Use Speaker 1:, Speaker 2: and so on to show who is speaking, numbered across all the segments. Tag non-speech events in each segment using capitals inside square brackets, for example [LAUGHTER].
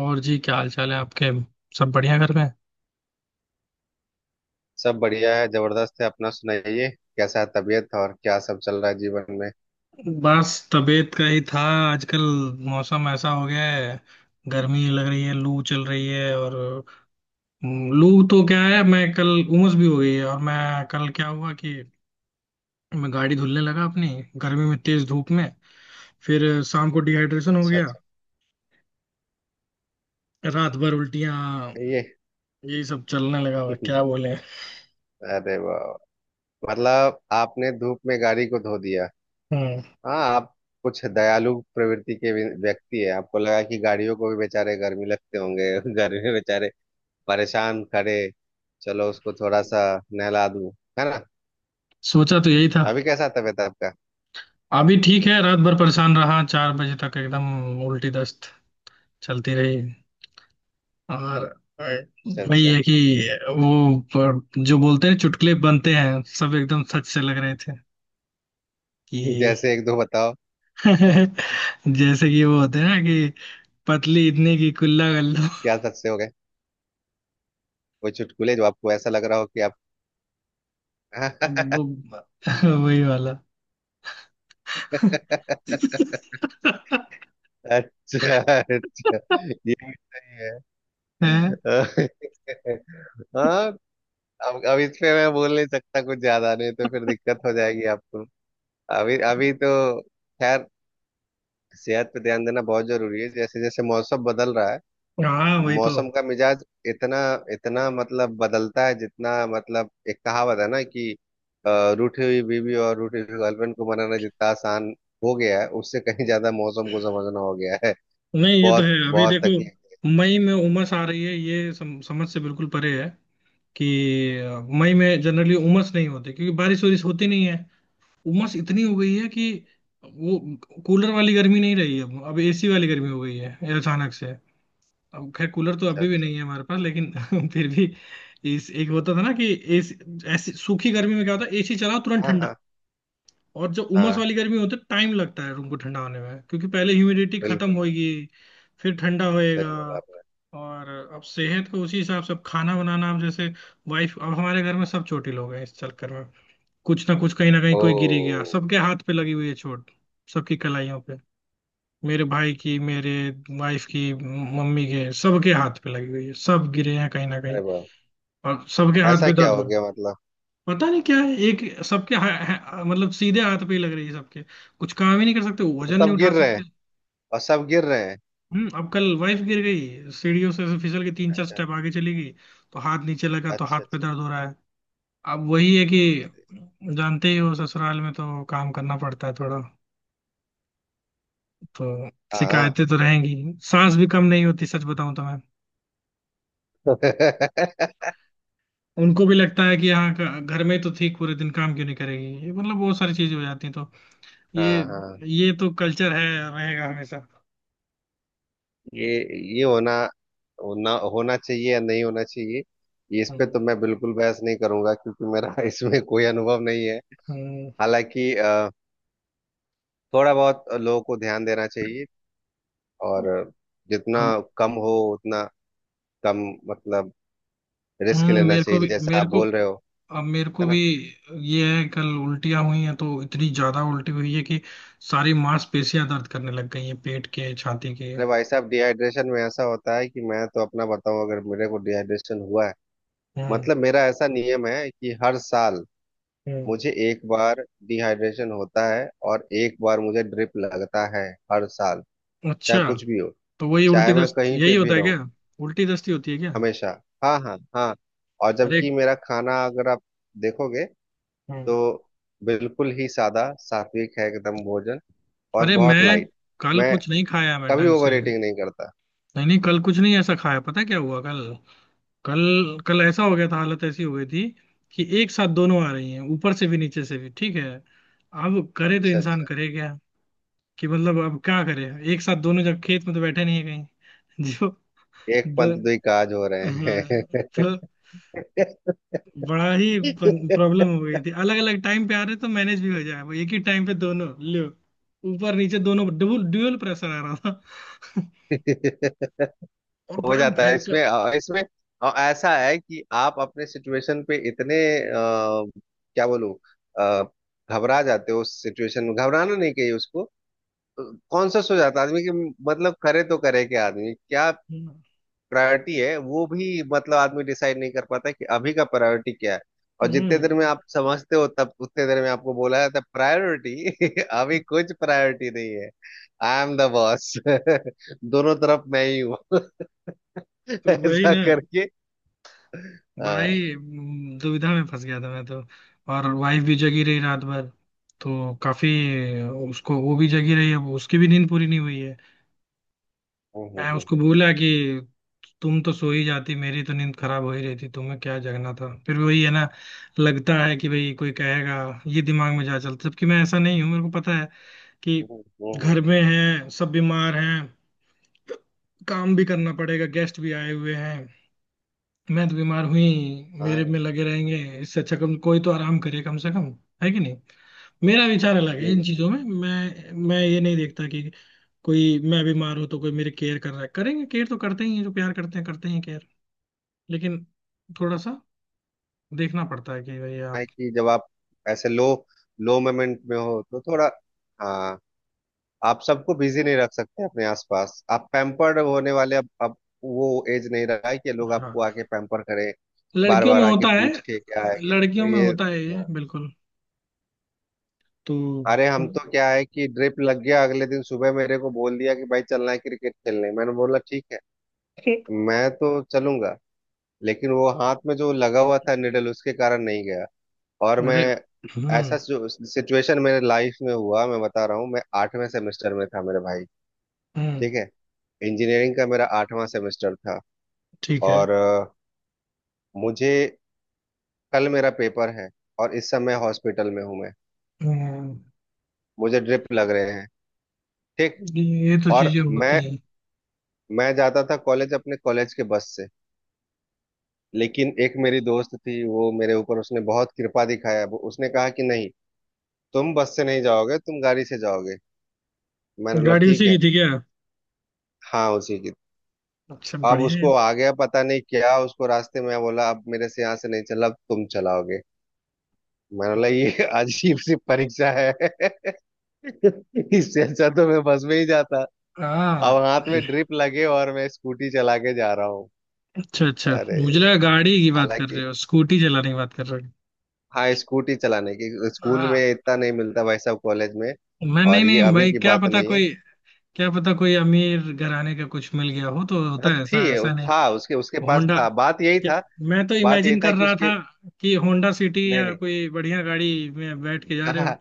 Speaker 1: और जी, क्या हाल चाल है आपके। सब बढ़िया घर में।
Speaker 2: सब बढ़िया है, जबरदस्त है। अपना सुनाइए, कैसा है तबीयत और क्या सब चल रहा है जीवन में।
Speaker 1: बस तबीयत का ही था आजकल। मौसम ऐसा हो गया है, गर्मी लग रही है, लू चल रही है। और लू तो क्या है, मैं कल उमस भी हो गई है। और मैं कल क्या हुआ कि मैं गाड़ी धुलने लगा अपनी, गर्मी में तेज धूप में। फिर शाम को डिहाइड्रेशन हो
Speaker 2: अच्छा
Speaker 1: गया,
Speaker 2: अच्छा।
Speaker 1: रात भर उल्टियां
Speaker 2: ये
Speaker 1: यही सब चलने लगा। और क्या
Speaker 2: [LAUGHS]
Speaker 1: बोले।
Speaker 2: अरे वाह! मतलब आपने धूप में गाड़ी को धो दिया।
Speaker 1: हम्म।
Speaker 2: हाँ आप कुछ दयालु प्रवृत्ति के भी व्यक्ति है, आपको लगा कि गाड़ियों को भी बेचारे गर्मी लगते होंगे। [LAUGHS] गर्मी में बेचारे परेशान खड़े, चलो उसको थोड़ा सा नहला दूं, है ना।
Speaker 1: सोचा तो यही था।
Speaker 2: अभी कैसा तबीयत है आपका?
Speaker 1: अभी ठीक है, रात भर परेशान रहा 4 बजे तक, एकदम उल्टी दस्त चलती रही। और और
Speaker 2: अच्छा
Speaker 1: वही
Speaker 2: अच्छा।
Speaker 1: है कि जो बोलते हैं, चुटकुले बनते हैं सब एकदम सच से लग रहे थे कि,
Speaker 2: [LAUGHS] जैसे एक दो बताओ।
Speaker 1: [LAUGHS] जैसे कि वो होते हैं ना कि पतली इतनी की कुल्ला कर लो।
Speaker 2: क्या सच से हो गए? कोई चुटकुले जो आपको ऐसा लग रहा हो कि
Speaker 1: अब
Speaker 2: आप…
Speaker 1: वो [LAUGHS] वही वाला।
Speaker 2: [LAUGHS] अच्छा अच्छा। ये भी सही है।
Speaker 1: हैं?
Speaker 2: [LAUGHS] हाँ। अब इस पे मैं बोल नहीं सकता कुछ ज्यादा, नहीं तो फिर दिक्कत हो जाएगी आपको। अभी अभी तो… खैर। सेहत पे ध्यान देना बहुत जरूरी है, जैसे जैसे मौसम बदल रहा है।
Speaker 1: हाँ, वही तो।
Speaker 2: मौसम का मिजाज इतना, इतना मतलब बदलता है जितना… मतलब एक कहावत है ना कि रूठी हुई बीवी और रूठी हुई गर्लफ्रेंड को मनाना जितना आसान हो गया है, उससे कहीं ज्यादा मौसम को समझना हो गया है।
Speaker 1: नहीं, ये तो है।
Speaker 2: बहुत
Speaker 1: अभी
Speaker 2: बहुत
Speaker 1: देखो,
Speaker 2: तकलीफ।
Speaker 1: मई में उमस आ रही है, ये समझ से बिल्कुल परे है कि, मई में जनरली उमस नहीं होती क्योंकि बारिश वारिश होती नहीं है। उमस इतनी हो गई है कि वो कूलर वाली गर्मी नहीं रही है, अब एसी वाली गर्मी हो गई है अचानक से। अब खैर कूलर तो
Speaker 2: अच्छा
Speaker 1: अभी भी
Speaker 2: अच्छा।
Speaker 1: नहीं है हमारे पास, लेकिन [LAUGHS] फिर भी। इस एक होता था ना कि एसी, ऐसी सूखी गर्मी में क्या होता है, एसी चलाओ तुरंत
Speaker 2: हाँ
Speaker 1: ठंडा।
Speaker 2: हाँ
Speaker 1: और जब उमस
Speaker 2: हाँ।
Speaker 1: वाली गर्मी होती है, टाइम लगता है रूम को ठंडा होने में, क्योंकि पहले ह्यूमिडिटी खत्म
Speaker 2: बिल्कुल बिल्कुल।
Speaker 1: होगी फिर ठंडा होएगा।
Speaker 2: सही बोला आपने।
Speaker 1: और अब सेहत को उसी हिसाब से, अब खाना बनाना, अब जैसे वाइफ, अब हमारे घर में सब छोटी लोग हैं इस चक्कर में, कुछ ना कुछ कहीं ना कहीं कोई गिर ही गया,
Speaker 2: ओ।
Speaker 1: सबके हाथ पे लगी हुई है चोट, सबकी कलाइयों पे। मेरे भाई की, मेरे वाइफ की, मम्मी के, सबके हाथ पे लगी हुई है, सब गिरे हैं कहीं ना
Speaker 2: अरे
Speaker 1: कहीं,
Speaker 2: वाह!
Speaker 1: और सबके हाथ
Speaker 2: ऐसा
Speaker 1: पे
Speaker 2: क्या
Speaker 1: दर्द हो
Speaker 2: हो
Speaker 1: रहा है।
Speaker 2: गया मतलब?
Speaker 1: पता नहीं क्या है, एक सबके हा, हा, मतलब सीधे हाथ पे ही लग रही है सबके, कुछ काम ही नहीं कर सकते,
Speaker 2: तो
Speaker 1: वजन नहीं
Speaker 2: सब
Speaker 1: उठा
Speaker 2: गिर रहे हैं?
Speaker 1: सकते।
Speaker 2: और सब गिर रहे हैं?
Speaker 1: हम्म। अब कल वाइफ गिर गई सीढ़ियों से, ऐसे फिसल के तीन चार
Speaker 2: अच्छा
Speaker 1: स्टेप आगे चली गई, तो हाथ नीचे लगा तो हाथ
Speaker 2: अच्छा
Speaker 1: पे
Speaker 2: अच्छा।
Speaker 1: दर्द हो रहा है। अब वही है कि जानते ही हो ससुराल में तो काम करना पड़ता है थोड़ा, तो
Speaker 2: हाँ।
Speaker 1: शिकायतें तो रहेंगी। सांस भी कम नहीं होती सच बताऊं तो मैं,
Speaker 2: [LAUGHS]
Speaker 1: उनको भी लगता है कि यहाँ का, घर में तो ठीक, पूरे दिन काम क्यों नहीं करेगी ये, मतलब बहुत सारी चीजें हो जाती हैं। तो ये
Speaker 2: हाँ हाँ।
Speaker 1: ये तो कल्चर है, रहेगा हमेशा।
Speaker 2: ये ये होना होना होना चाहिए या नहीं होना चाहिए, ये, इस पे
Speaker 1: हम्म।
Speaker 2: तो मैं बिल्कुल बहस नहीं करूंगा क्योंकि मेरा [LAUGHS] इसमें कोई अनुभव नहीं है।
Speaker 1: हम्म।
Speaker 2: हालांकि थोड़ा बहुत लोगों को ध्यान देना चाहिए, और जितना
Speaker 1: हम-
Speaker 2: कम हो उतना कम, मतलब रिस्क लेना
Speaker 1: मेरे को
Speaker 2: चाहिए
Speaker 1: भी,
Speaker 2: जैसा
Speaker 1: मेरे
Speaker 2: आप
Speaker 1: को
Speaker 2: बोल रहे हो,
Speaker 1: अब मेरे को
Speaker 2: है ना।
Speaker 1: भी ये है, कल उल्टियाँ हुई हैं तो इतनी ज्यादा उल्टी हुई है कि सारी मांसपेशियां दर्द करने लग गई हैं, पेट के छाती के।
Speaker 2: अरे भाई साहब, डिहाइड्रेशन में ऐसा होता है कि मैं तो अपना बताऊं, अगर मेरे को डिहाइड्रेशन हुआ है…
Speaker 1: हम्म।
Speaker 2: मतलब मेरा ऐसा नियम है कि हर साल
Speaker 1: हम्म।
Speaker 2: मुझे एक बार डिहाइड्रेशन होता है और एक बार मुझे ड्रिप लगता है, हर साल। चाहे
Speaker 1: अच्छा।
Speaker 2: कुछ भी हो,
Speaker 1: तो वही उल्टी
Speaker 2: चाहे मैं
Speaker 1: दस्त
Speaker 2: कहीं
Speaker 1: यही
Speaker 2: पे भी
Speaker 1: होता है
Speaker 2: रहूं,
Speaker 1: क्या, उल्टी दस्ती होती है क्या।
Speaker 2: हमेशा। हाँ हाँ हाँ। और
Speaker 1: अरे।
Speaker 2: जबकि मेरा खाना अगर आप देखोगे,
Speaker 1: हम्म।
Speaker 2: तो बिल्कुल ही सादा सात्विक है, एकदम भोजन, और
Speaker 1: अरे
Speaker 2: बहुत
Speaker 1: मैं
Speaker 2: लाइट।
Speaker 1: कल
Speaker 2: मैं
Speaker 1: कुछ नहीं खाया मैं
Speaker 2: कभी
Speaker 1: ढंग से।
Speaker 2: ओवर ईटिंग नहीं करता।
Speaker 1: नहीं नहीं, कल कुछ नहीं ऐसा खाया। पता है क्या हुआ कल, कल कल ऐसा हो गया था, हालत ऐसी हो गई थी कि एक साथ दोनों आ रही हैं ऊपर से भी नीचे से भी। ठीक है, अब करे तो इंसान करे क्या, कि मतलब अब क्या करे, एक साथ दोनों, जब खेत में तो बैठे नहीं है कहीं [LAUGHS] जो,
Speaker 2: एक पंथ
Speaker 1: द,
Speaker 2: दुई काज हो रहे
Speaker 1: हाँ,
Speaker 2: हैं।
Speaker 1: तो बड़ा ही प्रॉब्लम
Speaker 2: [LAUGHS]
Speaker 1: हो गई थी, अलग अलग टाइम पे आ रहे तो मैनेज भी हो जाए, वो एक ही टाइम पे दोनों, लो, ऊपर नीचे दोनों डबल ड्यूअल प्रेशर आ रहा था, और
Speaker 2: हो
Speaker 1: बड़ा
Speaker 2: जाता है
Speaker 1: भयंकर।
Speaker 2: इसमें, इसमें ऐसा है कि आप अपने सिचुएशन पे इतने क्या बोलूं, अ, घबरा जाते हो। उस सिचुएशन में घबराना नहीं चाहिए उसको, कॉन्शस हो जाता है आदमी कि मतलब करे तो करे क्या आदमी, क्या
Speaker 1: हम्म।
Speaker 2: प्रायोरिटी है वो भी, मतलब आदमी डिसाइड नहीं कर पाता है कि अभी का प्रायोरिटी क्या है। और जितने देर में
Speaker 1: हम्म।
Speaker 2: आप समझते हो, तब उतने देर में आपको बोला जाता है प्रायोरिटी [LAUGHS] अभी कुछ प्रायोरिटी नहीं है। I am the boss. [LAUGHS] दोनों तरफ मैं ही हूँ। [LAUGHS]
Speaker 1: तो वही
Speaker 2: ऐसा
Speaker 1: ना,
Speaker 2: करके।
Speaker 1: बड़ा
Speaker 2: हाँ।
Speaker 1: ही दुविधा में फंस गया था मैं तो। और वाइफ भी जगी रही रात भर, तो काफी, उसको, वो भी जगी रही है, उसकी भी नींद पूरी नहीं हुई है।
Speaker 2: हम्म,
Speaker 1: मैं
Speaker 2: हम्म,
Speaker 1: उसको
Speaker 2: हम्म,
Speaker 1: बोला कि तुम तो सो ही जाती, मेरी तो नींद खराब हो ही रही थी, तुम्हें क्या जगना था। फिर वही है ना, लगता है कि भाई कोई कहेगा, ये दिमाग में जा चलता, जबकि मैं ऐसा नहीं हूँ, मेरे को पता है कि
Speaker 2: हम्म, हम्म,
Speaker 1: घर में है, सब बीमार हैं, काम भी करना पड़ेगा, गेस्ट भी आए हुए हैं, मैं तो बीमार हुई, मेरे
Speaker 2: हाँ,
Speaker 1: में लगे रहेंगे, इससे अच्छा कम कोई तो आराम करे कम से कम, है कि नहीं। मेरा विचार अलग
Speaker 2: ये
Speaker 1: है इन
Speaker 2: भी
Speaker 1: चीजों में, मैं ये नहीं देखता कि कोई, मैं बीमार हूं तो कोई मेरी केयर कर रहा है, करेंगे, केयर तो करते ही हैं जो प्यार करते हैं, करते ही हैं केयर। लेकिन थोड़ा सा देखना पड़ता है कि भाई
Speaker 2: है
Speaker 1: आप,
Speaker 2: कि जब आप ऐसे लो, लो मोमेंट में हो तो थोड़ा… हाँ, आप सबको बिजी नहीं रख सकते अपने आसपास। आप पैम्पर्ड होने वाले… अब वो एज नहीं रहा है कि लोग आपको आके
Speaker 1: हाँ,
Speaker 2: पैम्पर करें, बार
Speaker 1: लड़कियों में
Speaker 2: बार आके
Speaker 1: होता है।
Speaker 2: पूछ के क्या है क्या है।
Speaker 1: लड़कियों
Speaker 2: तो
Speaker 1: में
Speaker 2: ये
Speaker 1: होता है ये,
Speaker 2: हाँ।
Speaker 1: बिल्कुल। तो
Speaker 2: अरे, हम तो क्या है कि ड्रिप लग गया, अगले दिन सुबह मेरे को बोल दिया कि भाई चलना है क्रिकेट खेलने। मैंने बोला ठीक है,
Speaker 1: ठीक।
Speaker 2: मैं तो चलूंगा। लेकिन वो हाथ में जो लगा हुआ था निडल, उसके कारण नहीं गया। और मैं…
Speaker 1: अरे। हम्म।
Speaker 2: ऐसा सिचुएशन मेरे लाइफ में हुआ, मैं बता रहा हूँ, मैं आठवें सेमेस्टर में था मेरे भाई,
Speaker 1: हम्म।
Speaker 2: ठीक है, इंजीनियरिंग का मेरा आठवां सेमेस्टर था।
Speaker 1: ठीक है।
Speaker 2: और मुझे… कल मेरा पेपर है और इस समय हॉस्पिटल में हूं मैं,
Speaker 1: हम्म।
Speaker 2: मुझे ड्रिप लग रहे हैं, ठीक।
Speaker 1: ये तो
Speaker 2: और
Speaker 1: चीजें
Speaker 2: मैं
Speaker 1: होती है।
Speaker 2: मैं जाता था कॉलेज अपने कॉलेज के बस से। लेकिन एक मेरी दोस्त थी, वो मेरे ऊपर उसने बहुत कृपा दिखाया, वो उसने कहा कि नहीं, तुम बस से नहीं जाओगे, तुम गाड़ी से जाओगे। मैंने बोला
Speaker 1: गाड़ी
Speaker 2: ठीक
Speaker 1: उसी की
Speaker 2: है।
Speaker 1: थी क्या।
Speaker 2: हाँ, उसी की।
Speaker 1: अच्छा
Speaker 2: अब
Speaker 1: बढ़िया है।
Speaker 2: उसको आ गया पता नहीं क्या, उसको रास्ते में बोला अब मेरे से यहाँ से नहीं चला, अब तुम चलाओगे। मतलब ये अजीब सी परीक्षा है। [LAUGHS] इससे अच्छा तो मैं बस में ही जाता। अब
Speaker 1: हाँ।
Speaker 2: हाथ में ड्रिप लगे और मैं स्कूटी चला के जा रहा हूँ।
Speaker 1: अच्छा अच्छा,
Speaker 2: अरे।
Speaker 1: मुझे लगा गाड़ी की बात कर
Speaker 2: हालांकि…
Speaker 1: रहे हो, स्कूटी चलाने की बात कर रहे हो।
Speaker 2: हाँ, स्कूटी चलाने की। स्कूल
Speaker 1: हाँ।
Speaker 2: में इतना नहीं मिलता भाई साहब, कॉलेज में।
Speaker 1: मैं, नहीं
Speaker 2: और ये
Speaker 1: नहीं
Speaker 2: अभी
Speaker 1: भाई
Speaker 2: की
Speaker 1: क्या
Speaker 2: बात
Speaker 1: पता
Speaker 2: नहीं है।
Speaker 1: कोई, क्या पता कोई अमीर घराने का कुछ मिल गया हो, तो होता
Speaker 2: हाँ
Speaker 1: है
Speaker 2: थी।
Speaker 1: ऐसा, ऐसा नहीं।
Speaker 2: था, उसके उसके पास
Speaker 1: होंडा?
Speaker 2: था, बात यही
Speaker 1: क्या?
Speaker 2: था।
Speaker 1: मैं तो
Speaker 2: बात यही
Speaker 1: इमेजिन
Speaker 2: था
Speaker 1: कर
Speaker 2: कि
Speaker 1: रहा
Speaker 2: उसके…
Speaker 1: था कि होंडा सिटी
Speaker 2: नहीं
Speaker 1: या
Speaker 2: नहीं।
Speaker 1: कोई बढ़िया गाड़ी में बैठ के
Speaker 2: [LAUGHS]
Speaker 1: जा रहे
Speaker 2: ना
Speaker 1: हो।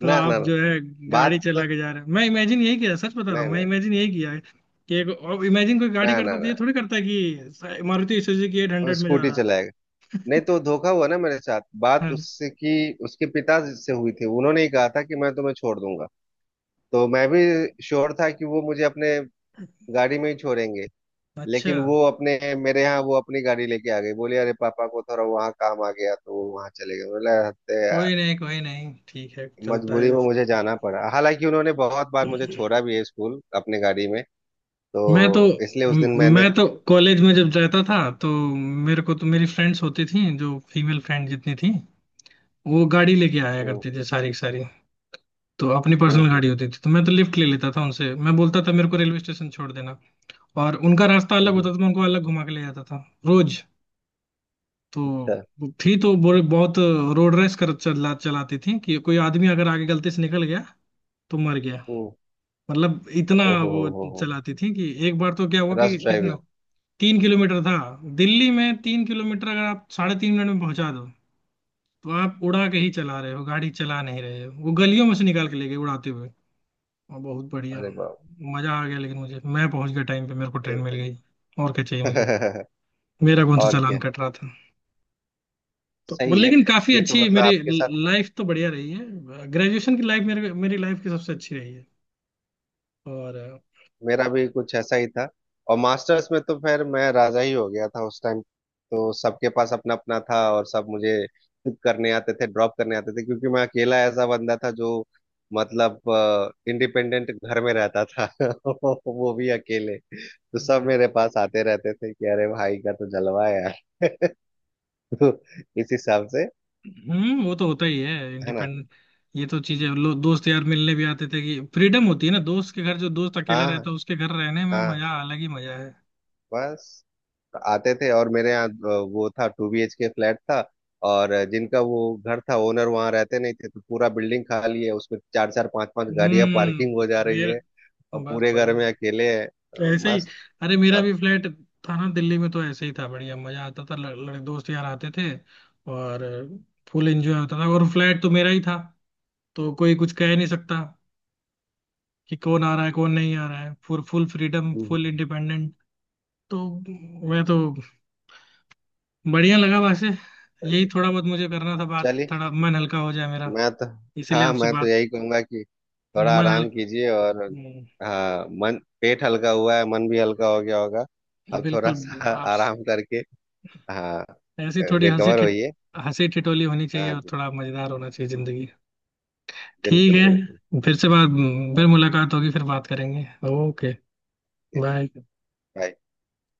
Speaker 1: तो
Speaker 2: ना
Speaker 1: आप
Speaker 2: ना,
Speaker 1: जो है गाड़ी
Speaker 2: बात तो…
Speaker 1: चला के जा रहे हो, मैं इमेजिन यही किया, सच बता रहा
Speaker 2: नहीं
Speaker 1: हूँ, मैं
Speaker 2: नहीं।
Speaker 1: इमेजिन यही किया है कि, एक और इमेजिन, कोई गाड़ी
Speaker 2: ना ना
Speaker 1: करता तो
Speaker 2: ना।
Speaker 1: ये थोड़ी करता है कि मारुति सुजुकी 800 में जा
Speaker 2: स्कूटी
Speaker 1: रहा है।
Speaker 2: चलाएगा। नहीं तो धोखा हुआ ना मेरे साथ, बात
Speaker 1: हाँ।
Speaker 2: उससे कि उसके पिता से हुई थी, उन्होंने ही कहा था कि मैं तुम्हें छोड़ दूंगा। तो मैं भी श्योर था कि वो मुझे अपने गाड़ी में ही छोड़ेंगे।
Speaker 1: अच्छा।
Speaker 2: लेकिन वो अपने मेरे यहाँ वो अपनी गाड़ी लेके आ गई, बोली अरे पापा को थोड़ा वहाँ काम आ गया तो वो वहाँ चले गए, बोला "हत्ते यार"।
Speaker 1: कोई नहीं कोई नहीं, ठीक है चलता
Speaker 2: मजबूरी
Speaker 1: है।
Speaker 2: में मुझे जाना पड़ा, हालांकि उन्होंने बहुत बार मुझे छोड़ा भी है स्कूल अपनी गाड़ी में,
Speaker 1: मैं तो,
Speaker 2: तो इसलिए उस दिन मैंने…
Speaker 1: मैं तो कॉलेज में जब जाता था तो मेरे को तो मेरी फ्रेंड्स होती थी, जो फीमेल फ्रेंड जितनी थी वो गाड़ी लेके आया
Speaker 2: हम्म,
Speaker 1: करती थी सारी की सारी। तो अपनी
Speaker 2: हम्म,
Speaker 1: पर्सनल
Speaker 2: हम्म,
Speaker 1: गाड़ी होती थी, तो मैं तो लिफ्ट ले लेता था उनसे, मैं बोलता था मेरे को रेलवे स्टेशन छोड़ देना, और उनका रास्ता
Speaker 2: हम्म,
Speaker 1: अलग
Speaker 2: हम्म,
Speaker 1: होता था, मैं उनको अलग घुमा के ले जाता था रोज। तो
Speaker 2: अच्छा,
Speaker 1: वो थी तो बहुत रोड रेस कर चला चलाती थी, कि कोई आदमी अगर आगे गलती से निकल गया तो मर गया,
Speaker 2: हम्म।
Speaker 1: मतलब इतना
Speaker 2: ओहो
Speaker 1: वो
Speaker 2: हो हो।
Speaker 1: चलाती थी, कि एक बार तो क्या हुआ कि,
Speaker 2: रश
Speaker 1: कितना,
Speaker 2: ड्राइविंग।
Speaker 1: 3 किलोमीटर था, दिल्ली में 3 किलोमीटर अगर आप साढ़े 3 मिनट में पहुंचा दो तो आप उड़ा के ही चला रहे हो, गाड़ी चला नहीं रहे हो। वो गलियों में से निकाल के ले गए उड़ाते हुए। हाँ, बहुत बढ़िया,
Speaker 2: अरे बाप!
Speaker 1: मजा आ गया। लेकिन मुझे, मैं पहुंच गया टाइम पे, मेरे को
Speaker 2: ये
Speaker 1: ट्रेन मिल
Speaker 2: तो
Speaker 1: गई, और क्या चाहिए मुझे,
Speaker 2: [LAUGHS]
Speaker 1: मेरा कौन सा
Speaker 2: और
Speaker 1: चालान
Speaker 2: क्या।
Speaker 1: कट रहा था। तो वो
Speaker 2: सही है।
Speaker 1: लेकिन काफी
Speaker 2: ये तो
Speaker 1: अच्छी
Speaker 2: मतलब
Speaker 1: मेरी
Speaker 2: आपके साथ…
Speaker 1: लाइफ तो बढ़िया रही है, ग्रेजुएशन की लाइफ, मेरे, मेरी लाइफ की सबसे अच्छी रही है। और
Speaker 2: मेरा भी कुछ ऐसा ही था। और मास्टर्स में तो फिर मैं राजा ही हो गया था, उस टाइम तो सबके पास अपना अपना था और सब मुझे पिक करने आते थे, ड्रॉप करने आते थे, क्योंकि मैं अकेला ऐसा बंदा था जो मतलब इंडिपेंडेंट घर में रहता था। [LAUGHS] वो भी अकेले, तो सब मेरे पास आते रहते थे कि अरे भाई का तो जलवा है यार। [LAUGHS] तो इस हिसाब से,
Speaker 1: हम्म। वो तो होता ही है
Speaker 2: है ना।
Speaker 1: इंडिपेंडेंट। ये तो चीजें, लोग, दोस्त यार मिलने भी आते थे कि, फ्रीडम होती है ना दोस्त के घर, जो दोस्त अकेला
Speaker 2: हाँ हाँ
Speaker 1: रहता है उसके घर रहने में
Speaker 2: हाँ,
Speaker 1: मजा, अलग ही मजा है।
Speaker 2: बस आते थे। और मेरे यहाँ वो था, 2 BHK फ्लैट था। और जिनका वो घर था ओनर, वहाँ रहते नहीं थे, तो पूरा बिल्डिंग खाली है, उसमें चार चार पांच पांच गाड़ियां पार्किंग हो जा
Speaker 1: हम्म।
Speaker 2: रही
Speaker 1: मेरा,
Speaker 2: है। और
Speaker 1: बस
Speaker 2: पूरे घर
Speaker 1: बढ़िया,
Speaker 2: में अकेले है,
Speaker 1: ऐसे ही।
Speaker 2: मस्त।
Speaker 1: अरे मेरा
Speaker 2: सब
Speaker 1: भी फ्लैट था ना दिल्ली में, तो ऐसे ही था, बढ़िया मजा आता था, लड़, लड़, दोस्त यार आते थे, और फुल एंजॉय होता था, और फ्लैट तो मेरा ही था, तो कोई कुछ कह नहीं सकता कि कौन आ रहा है कौन नहीं आ रहा है, फुल फुल फ्रीडम फुल
Speaker 2: हम्म।
Speaker 1: इंडिपेंडेंट। तो मैं तो, बढ़िया लगा वैसे, यही थोड़ा बहुत मुझे करना था बात,
Speaker 2: चलिए।
Speaker 1: थोड़ा मन हल्का हो जाए मेरा,
Speaker 2: मैं तो…
Speaker 1: इसीलिए
Speaker 2: हाँ
Speaker 1: आपसे
Speaker 2: मैं तो
Speaker 1: बात।
Speaker 2: यही कहूंगा कि थोड़ा
Speaker 1: मन
Speaker 2: आराम
Speaker 1: हल्का,
Speaker 2: कीजिए और… हाँ, मन, पेट हल्का हुआ है, मन भी हल्का हो गया होगा। अब थोड़ा
Speaker 1: बिल्कुल।
Speaker 2: सा [LAUGHS]
Speaker 1: आप,
Speaker 2: आराम करके… हाँ,
Speaker 1: ऐसी थोड़ी
Speaker 2: रिकवर होइए।
Speaker 1: हंसी ठिठोली होनी चाहिए,
Speaker 2: हाँ
Speaker 1: और थोड़ा मजेदार होना चाहिए जिंदगी। ठीक
Speaker 2: बिल्कुल
Speaker 1: है,
Speaker 2: बिल्कुल।
Speaker 1: फिर से बात, फिर मुलाकात होगी, फिर बात करेंगे। ओके। बाय।
Speaker 2: बाय।